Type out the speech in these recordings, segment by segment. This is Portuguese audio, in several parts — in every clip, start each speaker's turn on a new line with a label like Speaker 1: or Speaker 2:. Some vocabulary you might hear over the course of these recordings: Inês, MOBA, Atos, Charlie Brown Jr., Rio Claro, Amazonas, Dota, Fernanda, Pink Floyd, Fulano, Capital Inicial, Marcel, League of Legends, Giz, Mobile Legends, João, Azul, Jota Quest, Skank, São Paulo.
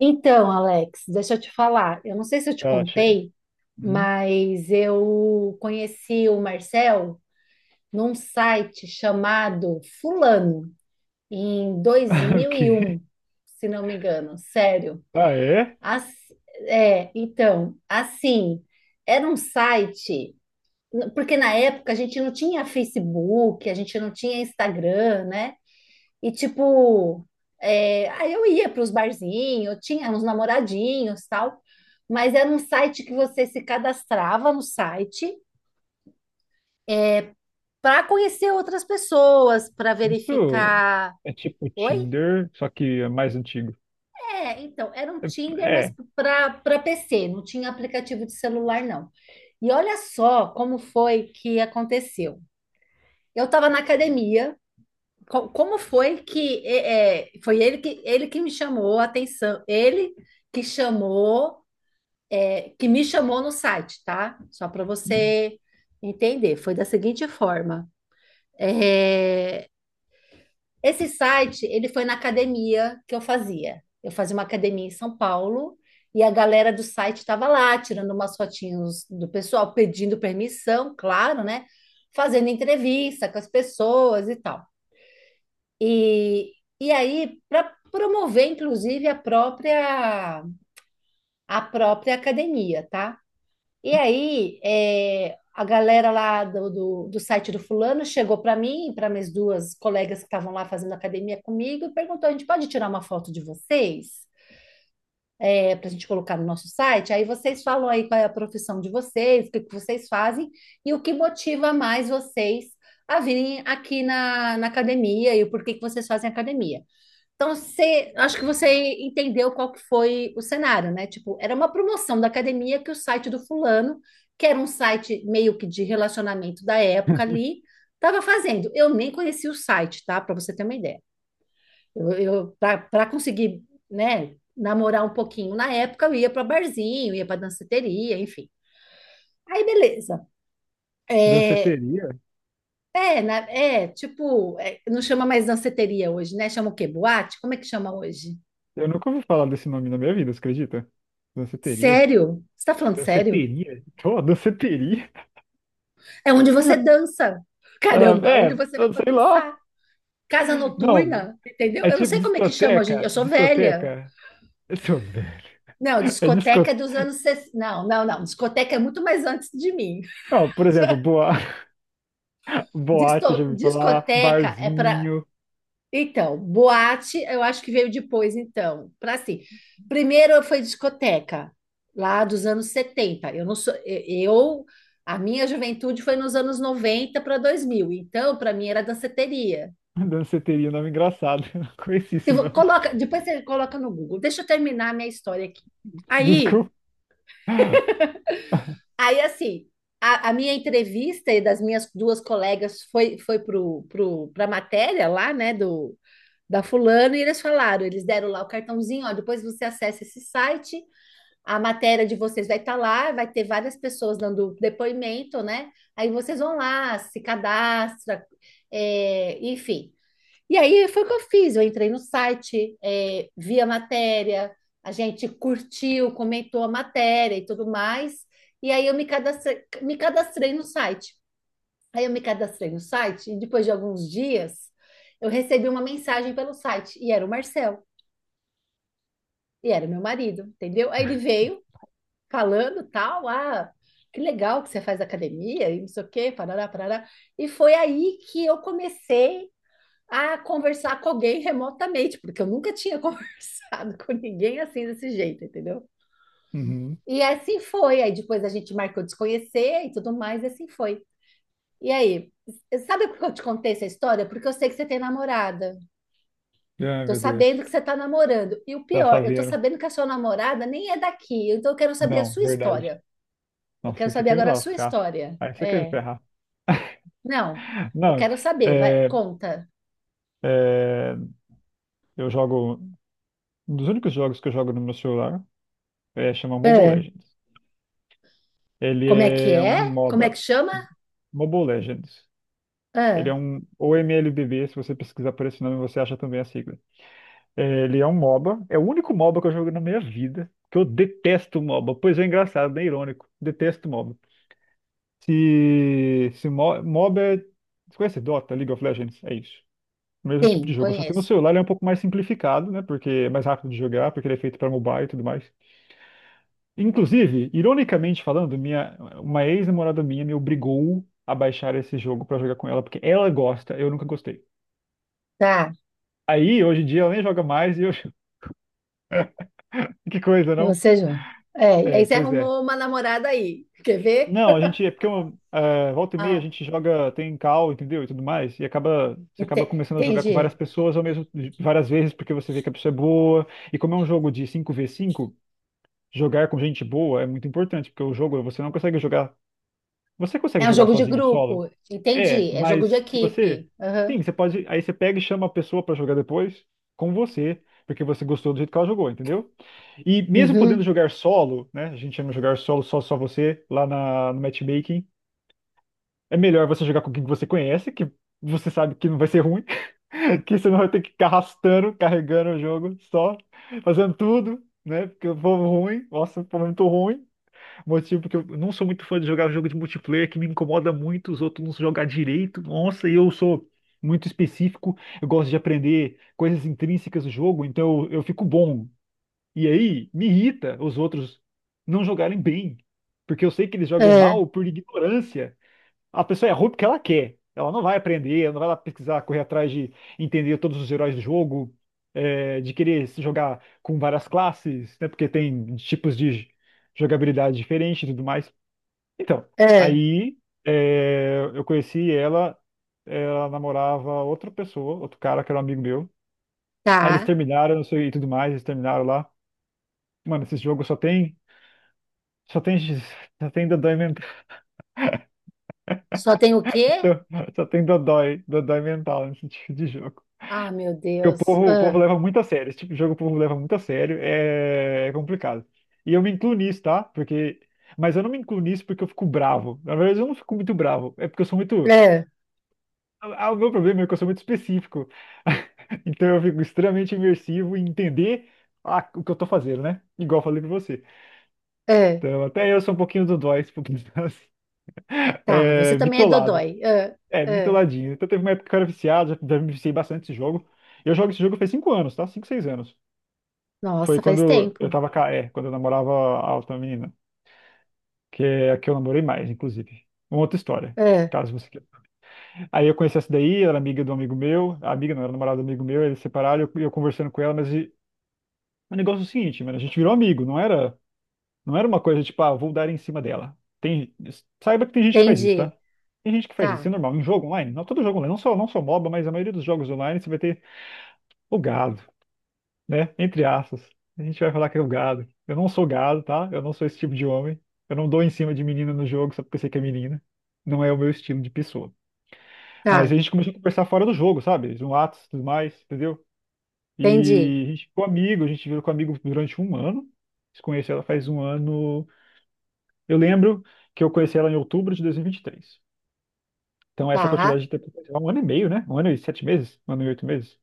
Speaker 1: Então, Alex, deixa eu te falar. Eu não sei se eu te
Speaker 2: Ela chega.
Speaker 1: contei,
Speaker 2: Hum?
Speaker 1: mas eu conheci o Marcel num site chamado Fulano em dois
Speaker 2: O
Speaker 1: mil e
Speaker 2: quê?
Speaker 1: um, se não me engano. Sério.
Speaker 2: Ah, é?
Speaker 1: As- então, assim, era um site, porque na época a gente não tinha Facebook, a gente não tinha Instagram, né? E tipo, aí eu ia para os barzinhos, eu tinha uns namoradinhos, tal, mas era um site que você se cadastrava no site para conhecer outras pessoas, para
Speaker 2: Isso
Speaker 1: verificar.
Speaker 2: é tipo
Speaker 1: Oi?
Speaker 2: Tinder, só que é mais antigo.
Speaker 1: É, então, era um Tinder,
Speaker 2: É.
Speaker 1: mas
Speaker 2: é.
Speaker 1: para PC, não tinha aplicativo de celular, não. E olha só como foi que aconteceu. Eu estava na academia, como foi ele que me chamou a atenção, ele que chamou que me chamou no site, tá? Só para você entender. Foi da seguinte forma: É, esse site ele foi na academia que eu fazia. Eu fazia uma academia em São Paulo e a galera do site estava lá tirando umas fotinhos do pessoal, pedindo permissão, claro, né? Fazendo entrevista com as pessoas e tal. E, e aí, para promover, inclusive, a própria academia, tá? E aí, a galera lá do site do fulano chegou para mim, para minhas duas colegas que estavam lá fazendo academia comigo, e perguntou: a gente pode tirar uma foto de vocês? Para a gente colocar no nosso site? Aí vocês falam aí qual é a profissão de vocês, o que que vocês fazem e o que motiva mais vocês a virem aqui na academia e o porquê que vocês fazem academia. Então, acho que você entendeu qual que foi o cenário, né? Tipo, era uma promoção da academia que o site do fulano, que era um site meio que de relacionamento da época ali, estava fazendo. Eu nem conhecia o site, tá? Para você ter uma ideia. Eu para conseguir, né, namorar um pouquinho na época, eu ia para barzinho, ia para danceteria, enfim. Aí, beleza. É,
Speaker 2: Danceteria?
Speaker 1: tipo, não chama mais danceteria hoje, né? Chama o quê? Boate? Como é que chama hoje?
Speaker 2: Eu nunca ouvi falar desse nome na minha vida, você acredita? Danceteria?
Speaker 1: Sério? Você tá falando sério?
Speaker 2: Danceteria? Pô, danceteria?
Speaker 1: É onde você dança.
Speaker 2: Ah,
Speaker 1: Caramba, onde
Speaker 2: é,
Speaker 1: você vai
Speaker 2: eu
Speaker 1: para
Speaker 2: sei lá.
Speaker 1: dançar? Casa
Speaker 2: Não,
Speaker 1: noturna, entendeu?
Speaker 2: é
Speaker 1: Eu não
Speaker 2: tipo
Speaker 1: sei como é que chama hoje em dia.
Speaker 2: discoteca.
Speaker 1: Eu sou velha.
Speaker 2: Discoteca. Eu sou velho.
Speaker 1: Não,
Speaker 2: É
Speaker 1: discoteca é dos
Speaker 2: discoteca.
Speaker 1: anos 60. Não, não, não. Discoteca é muito mais antes de mim.
Speaker 2: Não, por exemplo, boa... boate, eu já ouvi falar,
Speaker 1: Discoteca é para
Speaker 2: barzinho.
Speaker 1: Então, boate, eu acho que veio depois, então, para assim. Primeiro foi discoteca, lá dos anos 70. Eu não sou, a minha juventude foi nos anos 90 para 2000. Então, para mim era danceteria.
Speaker 2: Danceteria, nome engraçado. Eu não conheci
Speaker 1: Se
Speaker 2: esse
Speaker 1: vo-
Speaker 2: nome.
Speaker 1: coloca, depois você coloca no Google. Deixa eu terminar a minha história aqui. Aí,
Speaker 2: Desculpa.
Speaker 1: aí assim, a minha entrevista e das minhas duas colegas foi pro, pro para matéria lá, né, da fulano, e eles falaram, eles deram lá o cartãozinho, ó, depois você acessa esse site, a matéria de vocês vai estar lá, vai ter várias pessoas dando depoimento, né? Aí vocês vão lá, se cadastra, enfim. E aí foi o que eu fiz, eu entrei no site, vi a matéria, a gente curtiu, comentou a matéria e tudo mais, e aí eu me cadastrei no site. Aí eu me cadastrei no site e depois de alguns dias eu recebi uma mensagem pelo site e era o Marcel, e era meu marido, entendeu? Aí ele veio falando tal, ah, que legal que você faz academia e não sei o quê, parará, parará. E foi aí que eu comecei a conversar com alguém remotamente, porque eu nunca tinha conversado com ninguém assim desse jeito, entendeu?
Speaker 2: Uhum.
Speaker 1: E assim foi. Aí depois a gente marcou de se conhecer e tudo mais, e assim foi. E aí, sabe por que eu te contei essa história? Porque eu sei que você tem namorada.
Speaker 2: Ai,
Speaker 1: Tô
Speaker 2: meu
Speaker 1: sabendo
Speaker 2: Deus.
Speaker 1: que você tá namorando. E o
Speaker 2: Já
Speaker 1: pior, eu tô
Speaker 2: sabia.
Speaker 1: sabendo que a sua namorada nem é daqui. Então eu quero saber a
Speaker 2: Não,
Speaker 1: sua
Speaker 2: verdade.
Speaker 1: história. Eu
Speaker 2: Nossa,
Speaker 1: quero
Speaker 2: aí você
Speaker 1: saber
Speaker 2: quer me
Speaker 1: agora a sua
Speaker 2: lascar.
Speaker 1: história.
Speaker 2: Aí você quer me
Speaker 1: É.
Speaker 2: ferrar.
Speaker 1: Não. Eu
Speaker 2: Não,
Speaker 1: quero saber. Vai,
Speaker 2: é,
Speaker 1: conta.
Speaker 2: é, eu jogo. Um dos únicos jogos que eu jogo no meu celular é chama Mobile
Speaker 1: É.
Speaker 2: Legends. Ele
Speaker 1: Como é que
Speaker 2: é um
Speaker 1: é? Como é que
Speaker 2: MOBA.
Speaker 1: chama?
Speaker 2: Mobile Legends. Ele é
Speaker 1: Ah,
Speaker 2: um. Ou MLBB, se você pesquisar por esse nome, você acha também a sigla. É, ele é um MOBA. É o único MOBA que eu jogo na minha vida. Que eu detesto MOBA. Pois é, engraçado, né? Irônico. Detesto MOBA. Se mo- MOBA é. Você conhece Dota, League of Legends? É isso. O mesmo tipo de
Speaker 1: sim,
Speaker 2: jogo. Só que no
Speaker 1: conheço.
Speaker 2: celular ele é um pouco mais simplificado, né? Porque é mais rápido de jogar, porque ele é feito para mobile e tudo mais. Inclusive, ironicamente falando, uma ex-namorada minha me obrigou a baixar esse jogo para jogar com ela, porque ela gosta, eu nunca gostei.
Speaker 1: Tá.
Speaker 2: Aí, hoje em dia, ela nem joga mais e eu. Que coisa,
Speaker 1: E
Speaker 2: não?
Speaker 1: você, João? É, e
Speaker 2: É,
Speaker 1: aí você
Speaker 2: pois é.
Speaker 1: arrumou uma namorada aí. Quer ver?
Speaker 2: Não, a gente é porque volta e meia a
Speaker 1: Ah,
Speaker 2: gente joga, tem call, entendeu? E tudo mais, e acaba você acaba começando a jogar com várias
Speaker 1: entendi.
Speaker 2: pessoas ao mesmo várias vezes porque você vê que a pessoa é boa. E como é um jogo de cinco v cinco, jogar com gente boa é muito importante, porque o jogo você não consegue jogar, você consegue
Speaker 1: É um
Speaker 2: jogar
Speaker 1: jogo de
Speaker 2: sozinho, solo.
Speaker 1: grupo,
Speaker 2: É,
Speaker 1: entendi. É jogo de
Speaker 2: mas se você,
Speaker 1: equipe. Aham.
Speaker 2: sim, você pode, aí você pega e chama a pessoa pra jogar depois com você, porque você gostou do jeito que ela jogou, entendeu? E mesmo podendo
Speaker 1: Uhum.
Speaker 2: jogar solo, né? A gente chama de jogar solo, só você lá na, no matchmaking, é melhor você jogar com quem que você conhece, que você sabe que não vai ser ruim, que você não vai ter que ficar arrastando, carregando o jogo só, fazendo tudo, né? Porque o povo ruim, nossa, o povo é muito ruim. Motivo porque eu não sou muito fã de jogar jogo de multiplayer, que me incomoda muito os outros não jogar direito. Nossa, e eu sou muito específico, eu gosto de aprender coisas intrínsecas do jogo, então eu fico bom. E aí me irrita os outros não jogarem bem, porque eu sei que eles jogam
Speaker 1: É,
Speaker 2: mal por ignorância. A pessoa é ruim porque ela quer. Ela não vai aprender, ela não vai lá pesquisar, correr atrás de entender todos os heróis do jogo, é, de querer se jogar com várias classes, né? Porque tem tipos de jogabilidade diferente e tudo mais. Então,
Speaker 1: é,
Speaker 2: aí é, eu conheci ela, ela namorava outra pessoa, outro cara que era um amigo meu. Aí eles
Speaker 1: tá.
Speaker 2: terminaram, não sei, e tudo mais, eles terminaram lá. Mano, esse jogo só tem. Só tem, só tem dodói mental.
Speaker 1: Só tem o quê?
Speaker 2: Dodói mental nesse tipo de jogo.
Speaker 1: Ah, meu
Speaker 2: Porque
Speaker 1: Deus.
Speaker 2: o povo leva
Speaker 1: Ah,
Speaker 2: muito a sério. Esse tipo de jogo o povo leva muito a sério. É complicado. E eu me incluo nisso, tá? Porque. Mas eu não me incluo nisso porque eu fico bravo. Na verdade, eu não fico muito bravo. É porque eu sou muito.
Speaker 1: é,
Speaker 2: Ah, o meu problema é que eu sou muito específico. Então eu fico extremamente imersivo em entender ah, o que eu tô fazendo, né? Igual eu falei pra você.
Speaker 1: é.
Speaker 2: Então, até eu sou um pouquinho do dói, um pouquinho assim,
Speaker 1: Tá, você
Speaker 2: é,
Speaker 1: também é
Speaker 2: bitolado.
Speaker 1: dodói. É. Ah.
Speaker 2: É,
Speaker 1: é.
Speaker 2: bitoladinho. Então teve uma época que eu era viciado, já me viciei bastante esse jogo. Eu jogo esse jogo faz 5 anos, tá? Cinco, 6 anos.
Speaker 1: Nossa,
Speaker 2: Foi
Speaker 1: faz
Speaker 2: quando eu
Speaker 1: tempo.
Speaker 2: tava ca- é, quando eu namorava a outra menina, que é a que eu namorei mais, inclusive. Uma outra história,
Speaker 1: É.
Speaker 2: caso você queira. Aí eu conheci essa daí, ela era amiga do amigo meu, a amiga não, era namorada do amigo meu, eles se separaram, eu conversando com ela, mas e- o negócio é o seguinte, mano, a gente virou amigo, não era uma coisa tipo, ah, vou dar em cima dela. Tem, saiba que tem gente que faz isso,
Speaker 1: Entendi.
Speaker 2: tá? Tem gente que faz isso, é
Speaker 1: Tá,
Speaker 2: normal. Em jogo online, não todo jogo online, não só MOBA, mas a maioria dos jogos online você vai ter o gado, né? Entre aspas. A gente vai falar que é o gado. Eu não sou gado, tá? Eu não sou esse tipo de homem. Eu não dou em cima de menina no jogo só porque sei que é menina. Não é o meu estilo de pessoa. Mas
Speaker 1: tá,
Speaker 2: a gente começou a conversar fora do jogo, sabe? No Atos e tudo mais, entendeu?
Speaker 1: entendi.
Speaker 2: E a gente ficou amigo, a gente virou com amigo durante 1 ano. Conheci ela faz 1 ano. Eu lembro que eu conheci ela em outubro de 2023. Então, essa
Speaker 1: Tá,
Speaker 2: quantidade de tempo, 1 ano e meio, né? 1 ano e 7 meses? 1 ano e 8 meses?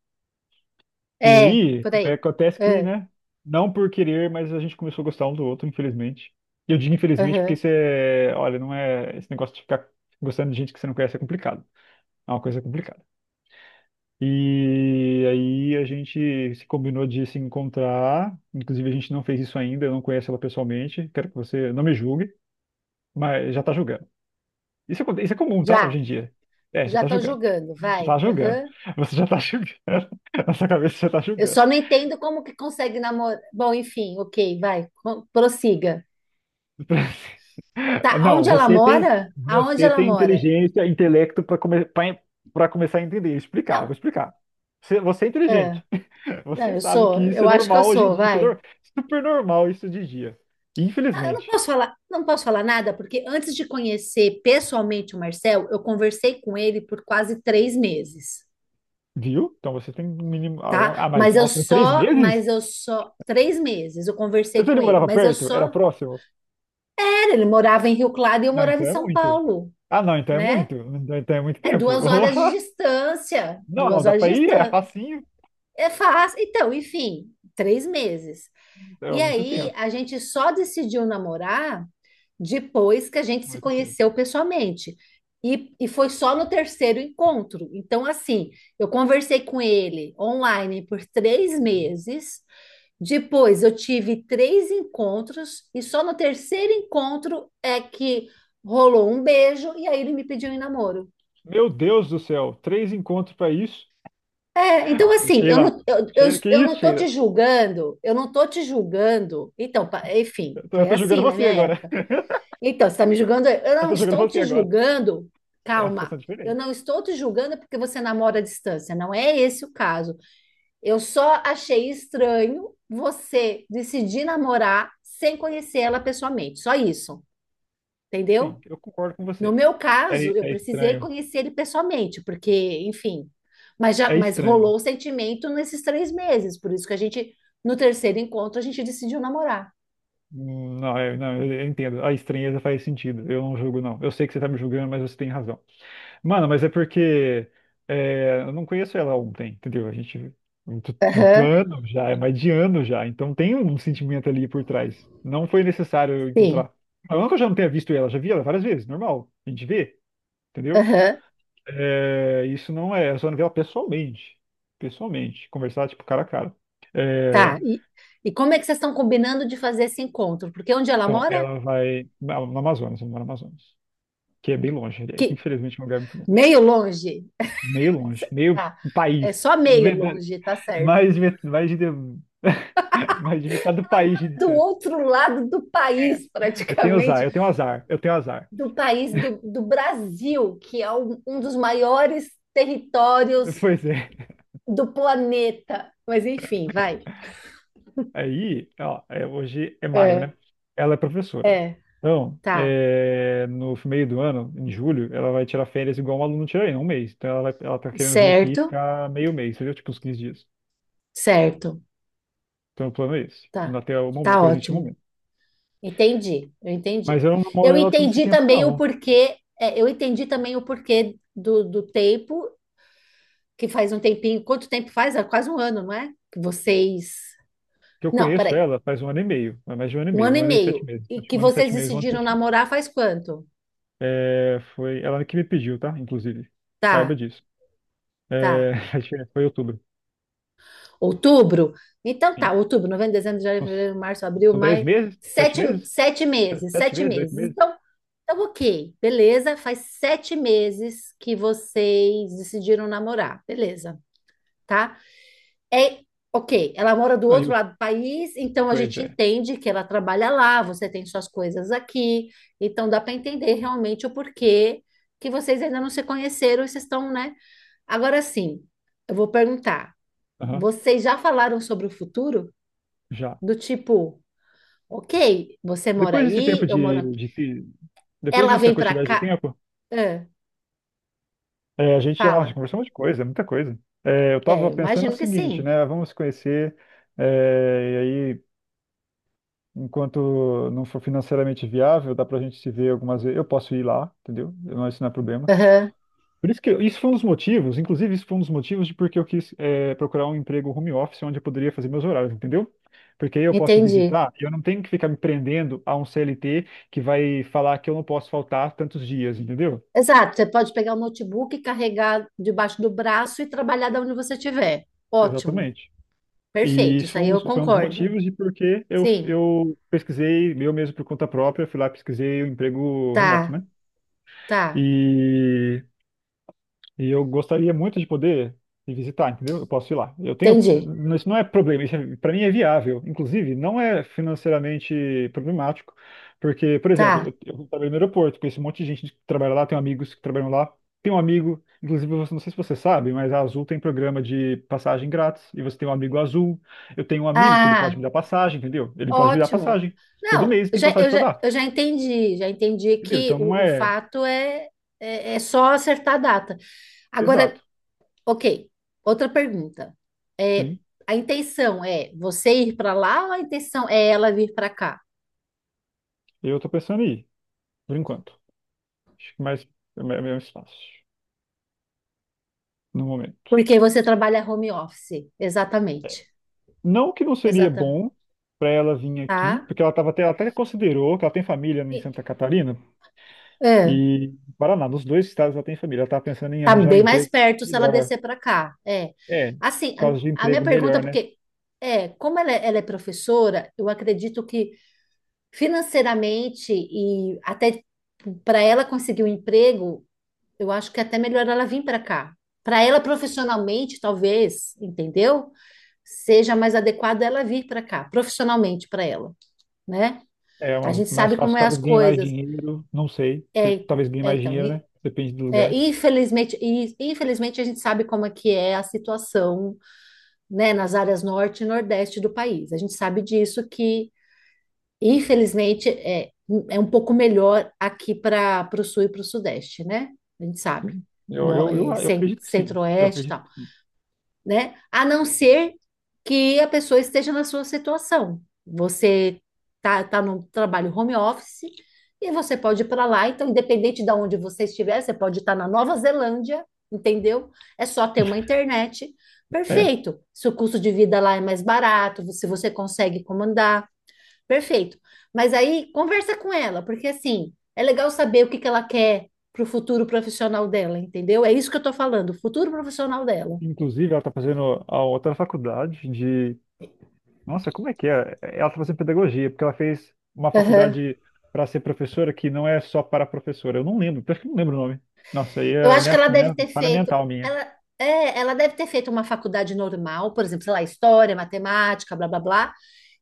Speaker 2: E
Speaker 1: é,
Speaker 2: aí,
Speaker 1: por
Speaker 2: é,
Speaker 1: aí.
Speaker 2: acontece que,
Speaker 1: É.
Speaker 2: né? Não por querer, mas a gente começou a gostar um do outro, infelizmente. E eu digo infelizmente porque
Speaker 1: Aham.
Speaker 2: isso é, olha, não é esse negócio de ficar gostando de gente que você não conhece, é complicado. É uma coisa complicada. E aí a gente se combinou de se encontrar. Inclusive a gente não fez isso ainda, eu não conheço ela pessoalmente. Quero que você não me julgue, mas já tá julgando. Isso, aconte- isso é comum, tá? Hoje
Speaker 1: Já,
Speaker 2: em dia. É, já
Speaker 1: já
Speaker 2: tá
Speaker 1: tô
Speaker 2: julgando.
Speaker 1: julgando,
Speaker 2: Já
Speaker 1: vai.
Speaker 2: tá julgando.
Speaker 1: Aham.
Speaker 2: Você já tá julgando. Na sua cabeça você já tá
Speaker 1: Eu
Speaker 2: julgando.
Speaker 1: só não entendo como que consegue namorar. Bom, enfim, ok, vai, prossiga.
Speaker 2: Ah,
Speaker 1: Tá,
Speaker 2: não,
Speaker 1: onde ela mora? Aonde
Speaker 2: você
Speaker 1: ela
Speaker 2: tem
Speaker 1: mora?
Speaker 2: inteligência, intelecto para come, para começar a entender. Explicar, vou
Speaker 1: Não,
Speaker 2: explicar. Você é inteligente.
Speaker 1: é, não,
Speaker 2: Você sabe que isso é
Speaker 1: eu acho que eu
Speaker 2: normal hoje em
Speaker 1: sou,
Speaker 2: dia. Isso é
Speaker 1: vai.
Speaker 2: nor- super normal isso de dia.
Speaker 1: Não, eu não
Speaker 2: Infelizmente.
Speaker 1: posso falar, não posso falar nada, porque antes de conhecer pessoalmente o Marcel, eu conversei com ele por quase três meses,
Speaker 2: Viu? Então você tem um mínimo. Ah, um-
Speaker 1: tá?
Speaker 2: ah, mas
Speaker 1: Mas eu
Speaker 2: nossa, em três
Speaker 1: só,
Speaker 2: meses?
Speaker 1: mas eu só, três meses eu conversei
Speaker 2: Você
Speaker 1: com
Speaker 2: ele
Speaker 1: ele,
Speaker 2: morava
Speaker 1: mas eu
Speaker 2: perto? Era
Speaker 1: só,
Speaker 2: próximo?
Speaker 1: ele morava em Rio Claro e eu
Speaker 2: Não,
Speaker 1: morava em
Speaker 2: então é
Speaker 1: São
Speaker 2: muito.
Speaker 1: Paulo,
Speaker 2: Ah, não, então é
Speaker 1: né?
Speaker 2: muito. Então é muito
Speaker 1: É
Speaker 2: tempo.
Speaker 1: duas horas de distância,
Speaker 2: Não, não,
Speaker 1: duas
Speaker 2: dá
Speaker 1: horas
Speaker 2: pra
Speaker 1: de
Speaker 2: ir, é
Speaker 1: distância.
Speaker 2: facinho.
Speaker 1: É fácil. Então, enfim, três meses.
Speaker 2: É
Speaker 1: E
Speaker 2: muito
Speaker 1: aí
Speaker 2: tempo.
Speaker 1: a gente só decidiu namorar depois que a gente se
Speaker 2: Muito tempo.
Speaker 1: conheceu pessoalmente. E foi só no terceiro encontro. Então, assim, eu conversei com ele online por três meses. Depois, eu tive três encontros. E só no terceiro encontro é que rolou um beijo. E aí, ele me pediu em namoro.
Speaker 2: Meu Deus do céu, 3 encontros pra isso.
Speaker 1: Então assim, eu
Speaker 2: Sheila.
Speaker 1: não, eu, eu,
Speaker 2: Sheila. Que
Speaker 1: eu
Speaker 2: isso,
Speaker 1: não tô te
Speaker 2: Sheila?
Speaker 1: julgando, eu não tô te julgando. Então, enfim,
Speaker 2: Eu
Speaker 1: foi
Speaker 2: tô julgando
Speaker 1: assim na minha
Speaker 2: você agora.
Speaker 1: época. Então, você está me julgando? Eu
Speaker 2: Eu
Speaker 1: não
Speaker 2: tô jogando
Speaker 1: estou
Speaker 2: você
Speaker 1: te
Speaker 2: agora.
Speaker 1: julgando.
Speaker 2: É uma
Speaker 1: Calma,
Speaker 2: situação
Speaker 1: eu
Speaker 2: diferente.
Speaker 1: não estou te julgando porque você namora à distância. Não é esse o caso. Eu só achei estranho você decidir namorar sem conhecer ela pessoalmente. Só isso, entendeu?
Speaker 2: Sim, eu concordo com
Speaker 1: No
Speaker 2: você.
Speaker 1: meu caso, eu
Speaker 2: É
Speaker 1: precisei
Speaker 2: estranho.
Speaker 1: conhecer ele pessoalmente, porque, enfim. Mas já,
Speaker 2: É
Speaker 1: mas
Speaker 2: estranho.
Speaker 1: rolou o sentimento nesses três meses. Por isso que a gente, no terceiro encontro, a gente decidiu namorar.
Speaker 2: Não, é- não, eu entendo. A estranheza faz sentido. Eu não julgo, não. Eu sei que você tá me julgando, mas você tem razão. Mano, mas é porque é, eu não conheço ela ontem, entendeu? A gente. Muito, muito
Speaker 1: Aham,
Speaker 2: ano já, é mais de ano já. Então tem um sentimento ali por trás. Não foi necessário eu
Speaker 1: sim.
Speaker 2: encontrar. Não que eu já não tenha visto ela, já vi ela várias vezes, normal. A gente vê, entendeu?
Speaker 1: Aham.
Speaker 2: É, isso não é, eu só não vi ela pessoalmente. Pessoalmente, conversar tipo cara a cara. É,
Speaker 1: Tá. E como é que vocês estão combinando de fazer esse encontro? Porque onde ela
Speaker 2: então,
Speaker 1: mora?
Speaker 2: ela vai na no Amazonas, ela mora no Amazonas, que é bem longe, aliás.
Speaker 1: Que,
Speaker 2: Infelizmente, é um lugar muito longe.
Speaker 1: meio longe.
Speaker 2: Meio longe, meio
Speaker 1: Tá.
Speaker 2: país.
Speaker 1: É só meio
Speaker 2: Verdade.
Speaker 1: longe, tá certo.
Speaker 2: Mais, de met- mais de, mais de metade do
Speaker 1: Ela
Speaker 2: país de
Speaker 1: mora do
Speaker 2: distância.
Speaker 1: outro lado do
Speaker 2: É,
Speaker 1: país,
Speaker 2: eu tenho azar,
Speaker 1: praticamente,
Speaker 2: eu tenho azar, eu tenho azar.
Speaker 1: do país do Brasil, que é um dos maiores territórios
Speaker 2: Pois é.
Speaker 1: do planeta. Mas enfim, vai.
Speaker 2: Aí, ó, é- hoje é maio,
Speaker 1: É,
Speaker 2: né? Ela é professora.
Speaker 1: é,
Speaker 2: Então,
Speaker 1: tá.
Speaker 2: é, no meio do ano, em julho, ela vai tirar férias igual um aluno tira aí, 1 mês. Então, ela, vai, ela tá querendo vir aqui e
Speaker 1: Certo,
Speaker 2: ficar meio mês, entendeu? Tipo, uns 15 dias.
Speaker 1: certo.
Speaker 2: Então, o plano é esse,
Speaker 1: Tá,
Speaker 2: até o momento,
Speaker 1: tá
Speaker 2: presente
Speaker 1: ótimo.
Speaker 2: momento.
Speaker 1: Entendi, eu
Speaker 2: Mas
Speaker 1: entendi.
Speaker 2: eu não namoro
Speaker 1: Eu
Speaker 2: ela todo esse
Speaker 1: entendi
Speaker 2: tempo,
Speaker 1: também o
Speaker 2: não.
Speaker 1: porquê, é, eu entendi também o porquê do tempo, que faz um tempinho, quanto tempo faz? É quase um ano, não é? Que vocês.
Speaker 2: Que eu
Speaker 1: Não,
Speaker 2: conheço
Speaker 1: peraí.
Speaker 2: ela faz 1 ano e meio, é mais de um ano e
Speaker 1: Um
Speaker 2: meio,
Speaker 1: ano
Speaker 2: um
Speaker 1: e
Speaker 2: ano e sete
Speaker 1: meio.
Speaker 2: meses.
Speaker 1: E
Speaker 2: Acho que
Speaker 1: que
Speaker 2: Um ano e
Speaker 1: vocês
Speaker 2: sete meses, um ano e
Speaker 1: decidiram
Speaker 2: sete meses.
Speaker 1: namorar faz quanto?
Speaker 2: É, foi ela que me pediu, tá? Inclusive, saiba
Speaker 1: Tá,
Speaker 2: disso. É,
Speaker 1: tá.
Speaker 2: a gente- foi em outubro.
Speaker 1: Outubro? Então tá,
Speaker 2: Sim.
Speaker 1: outubro, novembro, dezembro, janeiro,
Speaker 2: Uns-
Speaker 1: fevereiro, março, abril,
Speaker 2: são dez
Speaker 1: maio.
Speaker 2: meses? Sete
Speaker 1: Sete,
Speaker 2: meses?
Speaker 1: sete meses,
Speaker 2: Sete
Speaker 1: sete
Speaker 2: meses? Oito
Speaker 1: meses.
Speaker 2: meses?
Speaker 1: Ok, beleza. Faz sete meses que vocês decidiram namorar, beleza. Tá? É, ok, ela mora do
Speaker 2: Não, e
Speaker 1: outro
Speaker 2: o-
Speaker 1: lado do país, então a
Speaker 2: pois
Speaker 1: gente
Speaker 2: é.
Speaker 1: entende que ela trabalha lá, você tem suas coisas aqui, então dá para entender realmente o porquê que vocês ainda não se conheceram e vocês estão, né? Agora sim, eu vou perguntar:
Speaker 2: Aham,
Speaker 1: vocês já falaram sobre o futuro?
Speaker 2: já.
Speaker 1: Do tipo, ok, você mora
Speaker 2: Depois desse tempo
Speaker 1: aí, eu moro aqui,
Speaker 2: de, te- depois
Speaker 1: ela
Speaker 2: dessa
Speaker 1: vem para
Speaker 2: quantidade de
Speaker 1: cá,
Speaker 2: tempo,
Speaker 1: Ah,
Speaker 2: é, a gente já nossa,
Speaker 1: fala.
Speaker 2: conversou um monte de coisa, muita coisa. É, eu
Speaker 1: É,
Speaker 2: estava
Speaker 1: eu
Speaker 2: pensando o
Speaker 1: imagino que
Speaker 2: seguinte,
Speaker 1: sim.
Speaker 2: né? Vamos se conhecer, é, e aí, enquanto não for financeiramente viável, dá pra gente se ver algumas vezes. Eu posso ir lá, entendeu? Não, isso não é problema.
Speaker 1: Aham,
Speaker 2: Por isso que isso foi um dos motivos, inclusive isso foi um dos motivos de porque eu quis procurar um emprego home office onde eu poderia fazer meus horários, entendeu? Porque aí eu posso
Speaker 1: entendi.
Speaker 2: visitar e eu não tenho que ficar me prendendo a um CLT que vai falar que eu não posso faltar tantos dias, entendeu?
Speaker 1: Exato, você pode pegar o notebook, carregar debaixo do braço e trabalhar da onde você estiver. Ótimo,
Speaker 2: Exatamente. E
Speaker 1: perfeito,
Speaker 2: isso
Speaker 1: isso
Speaker 2: foi
Speaker 1: aí eu
Speaker 2: um dos
Speaker 1: concordo.
Speaker 2: motivos de porque eu,
Speaker 1: Sim,
Speaker 2: eu pesquisei, eu mesmo por conta própria, fui lá e pesquisei o emprego remoto,
Speaker 1: tá,
Speaker 2: né?
Speaker 1: tá,
Speaker 2: E E eu gostaria muito de poder ir visitar, entendeu? Eu posso ir lá. Eu tenho,
Speaker 1: entendi,
Speaker 2: isso não é problema, isso para mim é viável. Inclusive, não é financeiramente problemático, porque, por exemplo,
Speaker 1: tá.
Speaker 2: eu trabalho no aeroporto, conheço um monte de gente que trabalha lá, tenho amigos que trabalham lá. Tem um amigo, inclusive, você, não sei se você sabe, mas a Azul tem programa de passagem grátis, e você tem um amigo Azul. Eu tenho um amigo que ele pode
Speaker 1: Ah,
Speaker 2: me dar passagem, entendeu? Ele pode me dar
Speaker 1: ótimo.
Speaker 2: passagem. Todo
Speaker 1: Não,
Speaker 2: mês tem passagem para dar,
Speaker 1: eu já entendi
Speaker 2: entendeu?
Speaker 1: que
Speaker 2: Então não
Speaker 1: o
Speaker 2: é
Speaker 1: fato é, é só acertar a data. Agora,
Speaker 2: exato.
Speaker 1: ok, outra pergunta. É,
Speaker 2: Sim,
Speaker 1: a intenção é você ir para lá ou a intenção é ela vir para cá?
Speaker 2: eu tô pensando em ir, por enquanto. Acho que mais é mais fácil no momento.
Speaker 1: Porque você trabalha home office, exatamente.
Speaker 2: Não que não seria
Speaker 1: Exata,
Speaker 2: bom para ela vir aqui,
Speaker 1: tá?
Speaker 2: porque ela até considerou que ela tem família em
Speaker 1: E-
Speaker 2: Santa Catarina
Speaker 1: É,
Speaker 2: e em Paraná, nos dois estados ela tem família. Ela estava pensando em
Speaker 1: tá
Speaker 2: arranjar um
Speaker 1: bem mais
Speaker 2: emprego
Speaker 1: perto se ela
Speaker 2: melhor.
Speaker 1: descer para cá. É.
Speaker 2: É,
Speaker 1: Assim,
Speaker 2: por causa de
Speaker 1: a minha
Speaker 2: emprego
Speaker 1: pergunta é
Speaker 2: melhor, né?
Speaker 1: porque ela é professora, eu acredito que financeiramente e até para ela conseguir um emprego, eu acho que é até melhor ela vir para cá. Para ela profissionalmente, talvez, entendeu? Seja mais adequado ela vir para cá, profissionalmente para ela, né?
Speaker 2: É
Speaker 1: A
Speaker 2: uma-
Speaker 1: gente
Speaker 2: mais
Speaker 1: sabe como
Speaker 2: fácil,
Speaker 1: é as
Speaker 2: talvez ganhe mais
Speaker 1: coisas.
Speaker 2: dinheiro, não sei.
Speaker 1: É,
Speaker 2: Talvez ganhe mais
Speaker 1: então,
Speaker 2: dinheiro, né? Depende do lugar.
Speaker 1: infelizmente a gente sabe como é que é a situação, né, nas áreas norte e nordeste do país. A gente sabe disso que, infelizmente, é um pouco melhor aqui para o sul e para o sudeste, né? A gente sabe.
Speaker 2: Sim. Eu,
Speaker 1: No,
Speaker 2: eu, eu,
Speaker 1: é,
Speaker 2: eu
Speaker 1: cen-
Speaker 2: acredito que sim. Eu
Speaker 1: centro-oeste e
Speaker 2: acredito
Speaker 1: tal,
Speaker 2: que sim.
Speaker 1: né? A não ser que a pessoa esteja na sua situação. Você tá no trabalho home office e você pode ir para lá. Então, independente de onde você estiver, você pode estar na Nova Zelândia, entendeu? É só ter uma internet.
Speaker 2: É.
Speaker 1: Perfeito. Se o custo de vida lá é mais barato, se você consegue comandar, perfeito. Mas aí conversa com ela, porque assim, é legal saber o que que ela quer pro futuro profissional dela, entendeu? É isso que eu tô falando, o futuro profissional
Speaker 2: Inclusive, ela está fazendo a outra faculdade de... Nossa, como é que é? Ela está fazendo pedagogia, porque ela fez uma
Speaker 1: dela.
Speaker 2: faculdade para ser professora que não é só para professora. Eu não lembro, acho que não lembro o nome. Nossa, aí
Speaker 1: Eu
Speaker 2: é
Speaker 1: acho que
Speaker 2: minha, minha falha mental minha.
Speaker 1: ela, ela deve ter feito uma faculdade normal, por exemplo, sei lá, história, matemática, blá blá blá.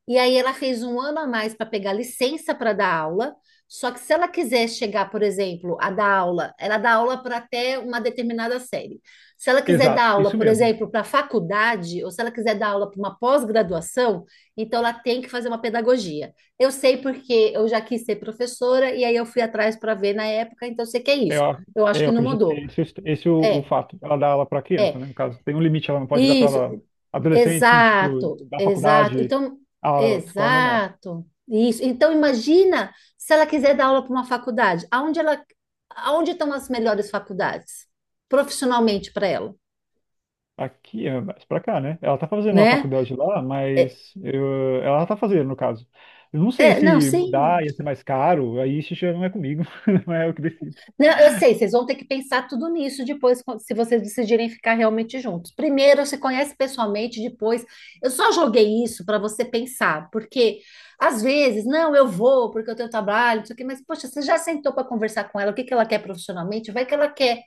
Speaker 1: E aí ela fez um ano a mais para pegar licença para dar aula. Só que se ela quiser chegar, por exemplo, a dar aula, ela dá aula para até uma determinada série. Se ela quiser dar
Speaker 2: Exato,
Speaker 1: aula,
Speaker 2: isso
Speaker 1: por
Speaker 2: mesmo.
Speaker 1: exemplo, para faculdade, ou se ela quiser dar aula para uma pós-graduação, então ela tem que fazer uma pedagogia. Eu sei porque eu já quis ser professora e aí eu fui atrás para ver na época, então eu sei que é
Speaker 2: É,
Speaker 1: isso.
Speaker 2: ó,
Speaker 1: Eu acho
Speaker 2: é, eu
Speaker 1: que não
Speaker 2: acredito que
Speaker 1: mudou.
Speaker 2: esse é o
Speaker 1: É,
Speaker 2: fato. Ela dá aula para criança,
Speaker 1: é.
Speaker 2: né? No caso, tem um limite, ela não pode dar
Speaker 1: Isso,
Speaker 2: para adolescente, assim, tipo,
Speaker 1: exato,
Speaker 2: da
Speaker 1: exato.
Speaker 2: faculdade
Speaker 1: Então,
Speaker 2: à escola normal.
Speaker 1: exato. Isso. Então, imagina se ela quiser dar aula para uma faculdade, aonde estão as melhores faculdades profissionalmente para ela,
Speaker 2: Aqui é mais pra cá, né? Ela tá fazendo a
Speaker 1: né?
Speaker 2: faculdade lá,
Speaker 1: É,
Speaker 2: mas ela tá fazendo, no caso. Eu não sei
Speaker 1: é, não,
Speaker 2: se
Speaker 1: sim.
Speaker 2: mudar ia ser mais caro, aí isso já não é comigo, não é eu que decido.
Speaker 1: Não, eu sei, vocês vão ter que pensar tudo nisso depois, se vocês decidirem ficar realmente juntos. Primeiro, se conhece pessoalmente, depois. Eu só joguei isso para você pensar, porque às vezes, não, eu vou porque eu tenho trabalho, não sei o quê, mas poxa, você já sentou para conversar com ela, o que que ela quer profissionalmente? Vai que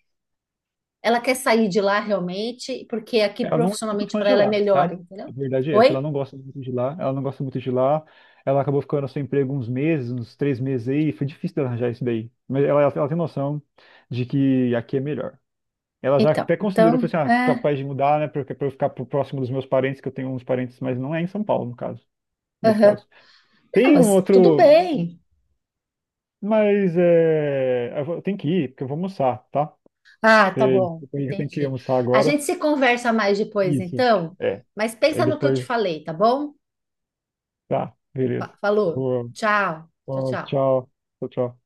Speaker 1: ela quer sair de lá realmente, porque aqui
Speaker 2: Ela não é muito
Speaker 1: profissionalmente
Speaker 2: fã
Speaker 1: para
Speaker 2: de
Speaker 1: ela é
Speaker 2: lá,
Speaker 1: melhor,
Speaker 2: tá? A
Speaker 1: entendeu?
Speaker 2: verdade é essa, ela
Speaker 1: Oi?
Speaker 2: não gosta muito de lá, ela não gosta muito de lá. Ela acabou ficando sem emprego uns meses, uns 3 meses aí, foi difícil dela arranjar isso daí. Mas ela tem noção de que aqui é melhor. Ela já
Speaker 1: Então,
Speaker 2: até considerou,
Speaker 1: então,
Speaker 2: falou assim, ah,
Speaker 1: é,
Speaker 2: capaz de mudar, né, pra eu ficar próximo dos meus parentes, que eu tenho uns parentes, mas não é em São Paulo, no caso, nesse
Speaker 1: aham.
Speaker 2: caso.
Speaker 1: Não,
Speaker 2: Tem um
Speaker 1: mas tudo
Speaker 2: outro,
Speaker 1: bem.
Speaker 2: mas é, tem que ir, porque eu vou almoçar, tá?
Speaker 1: Ah, tá
Speaker 2: É,
Speaker 1: bom,
Speaker 2: desculpa aí, que eu tenho que
Speaker 1: entendi.
Speaker 2: almoçar
Speaker 1: A
Speaker 2: agora.
Speaker 1: gente se conversa mais depois,
Speaker 2: Isso,
Speaker 1: então,
Speaker 2: é.
Speaker 1: mas pensa
Speaker 2: Aí
Speaker 1: no que eu te
Speaker 2: depois,
Speaker 1: falei, tá bom?
Speaker 2: tá, beleza.
Speaker 1: Falou.
Speaker 2: Boa,
Speaker 1: Tchau, tchau,
Speaker 2: boa,
Speaker 1: tchau.
Speaker 2: tchau, tchau, tchau.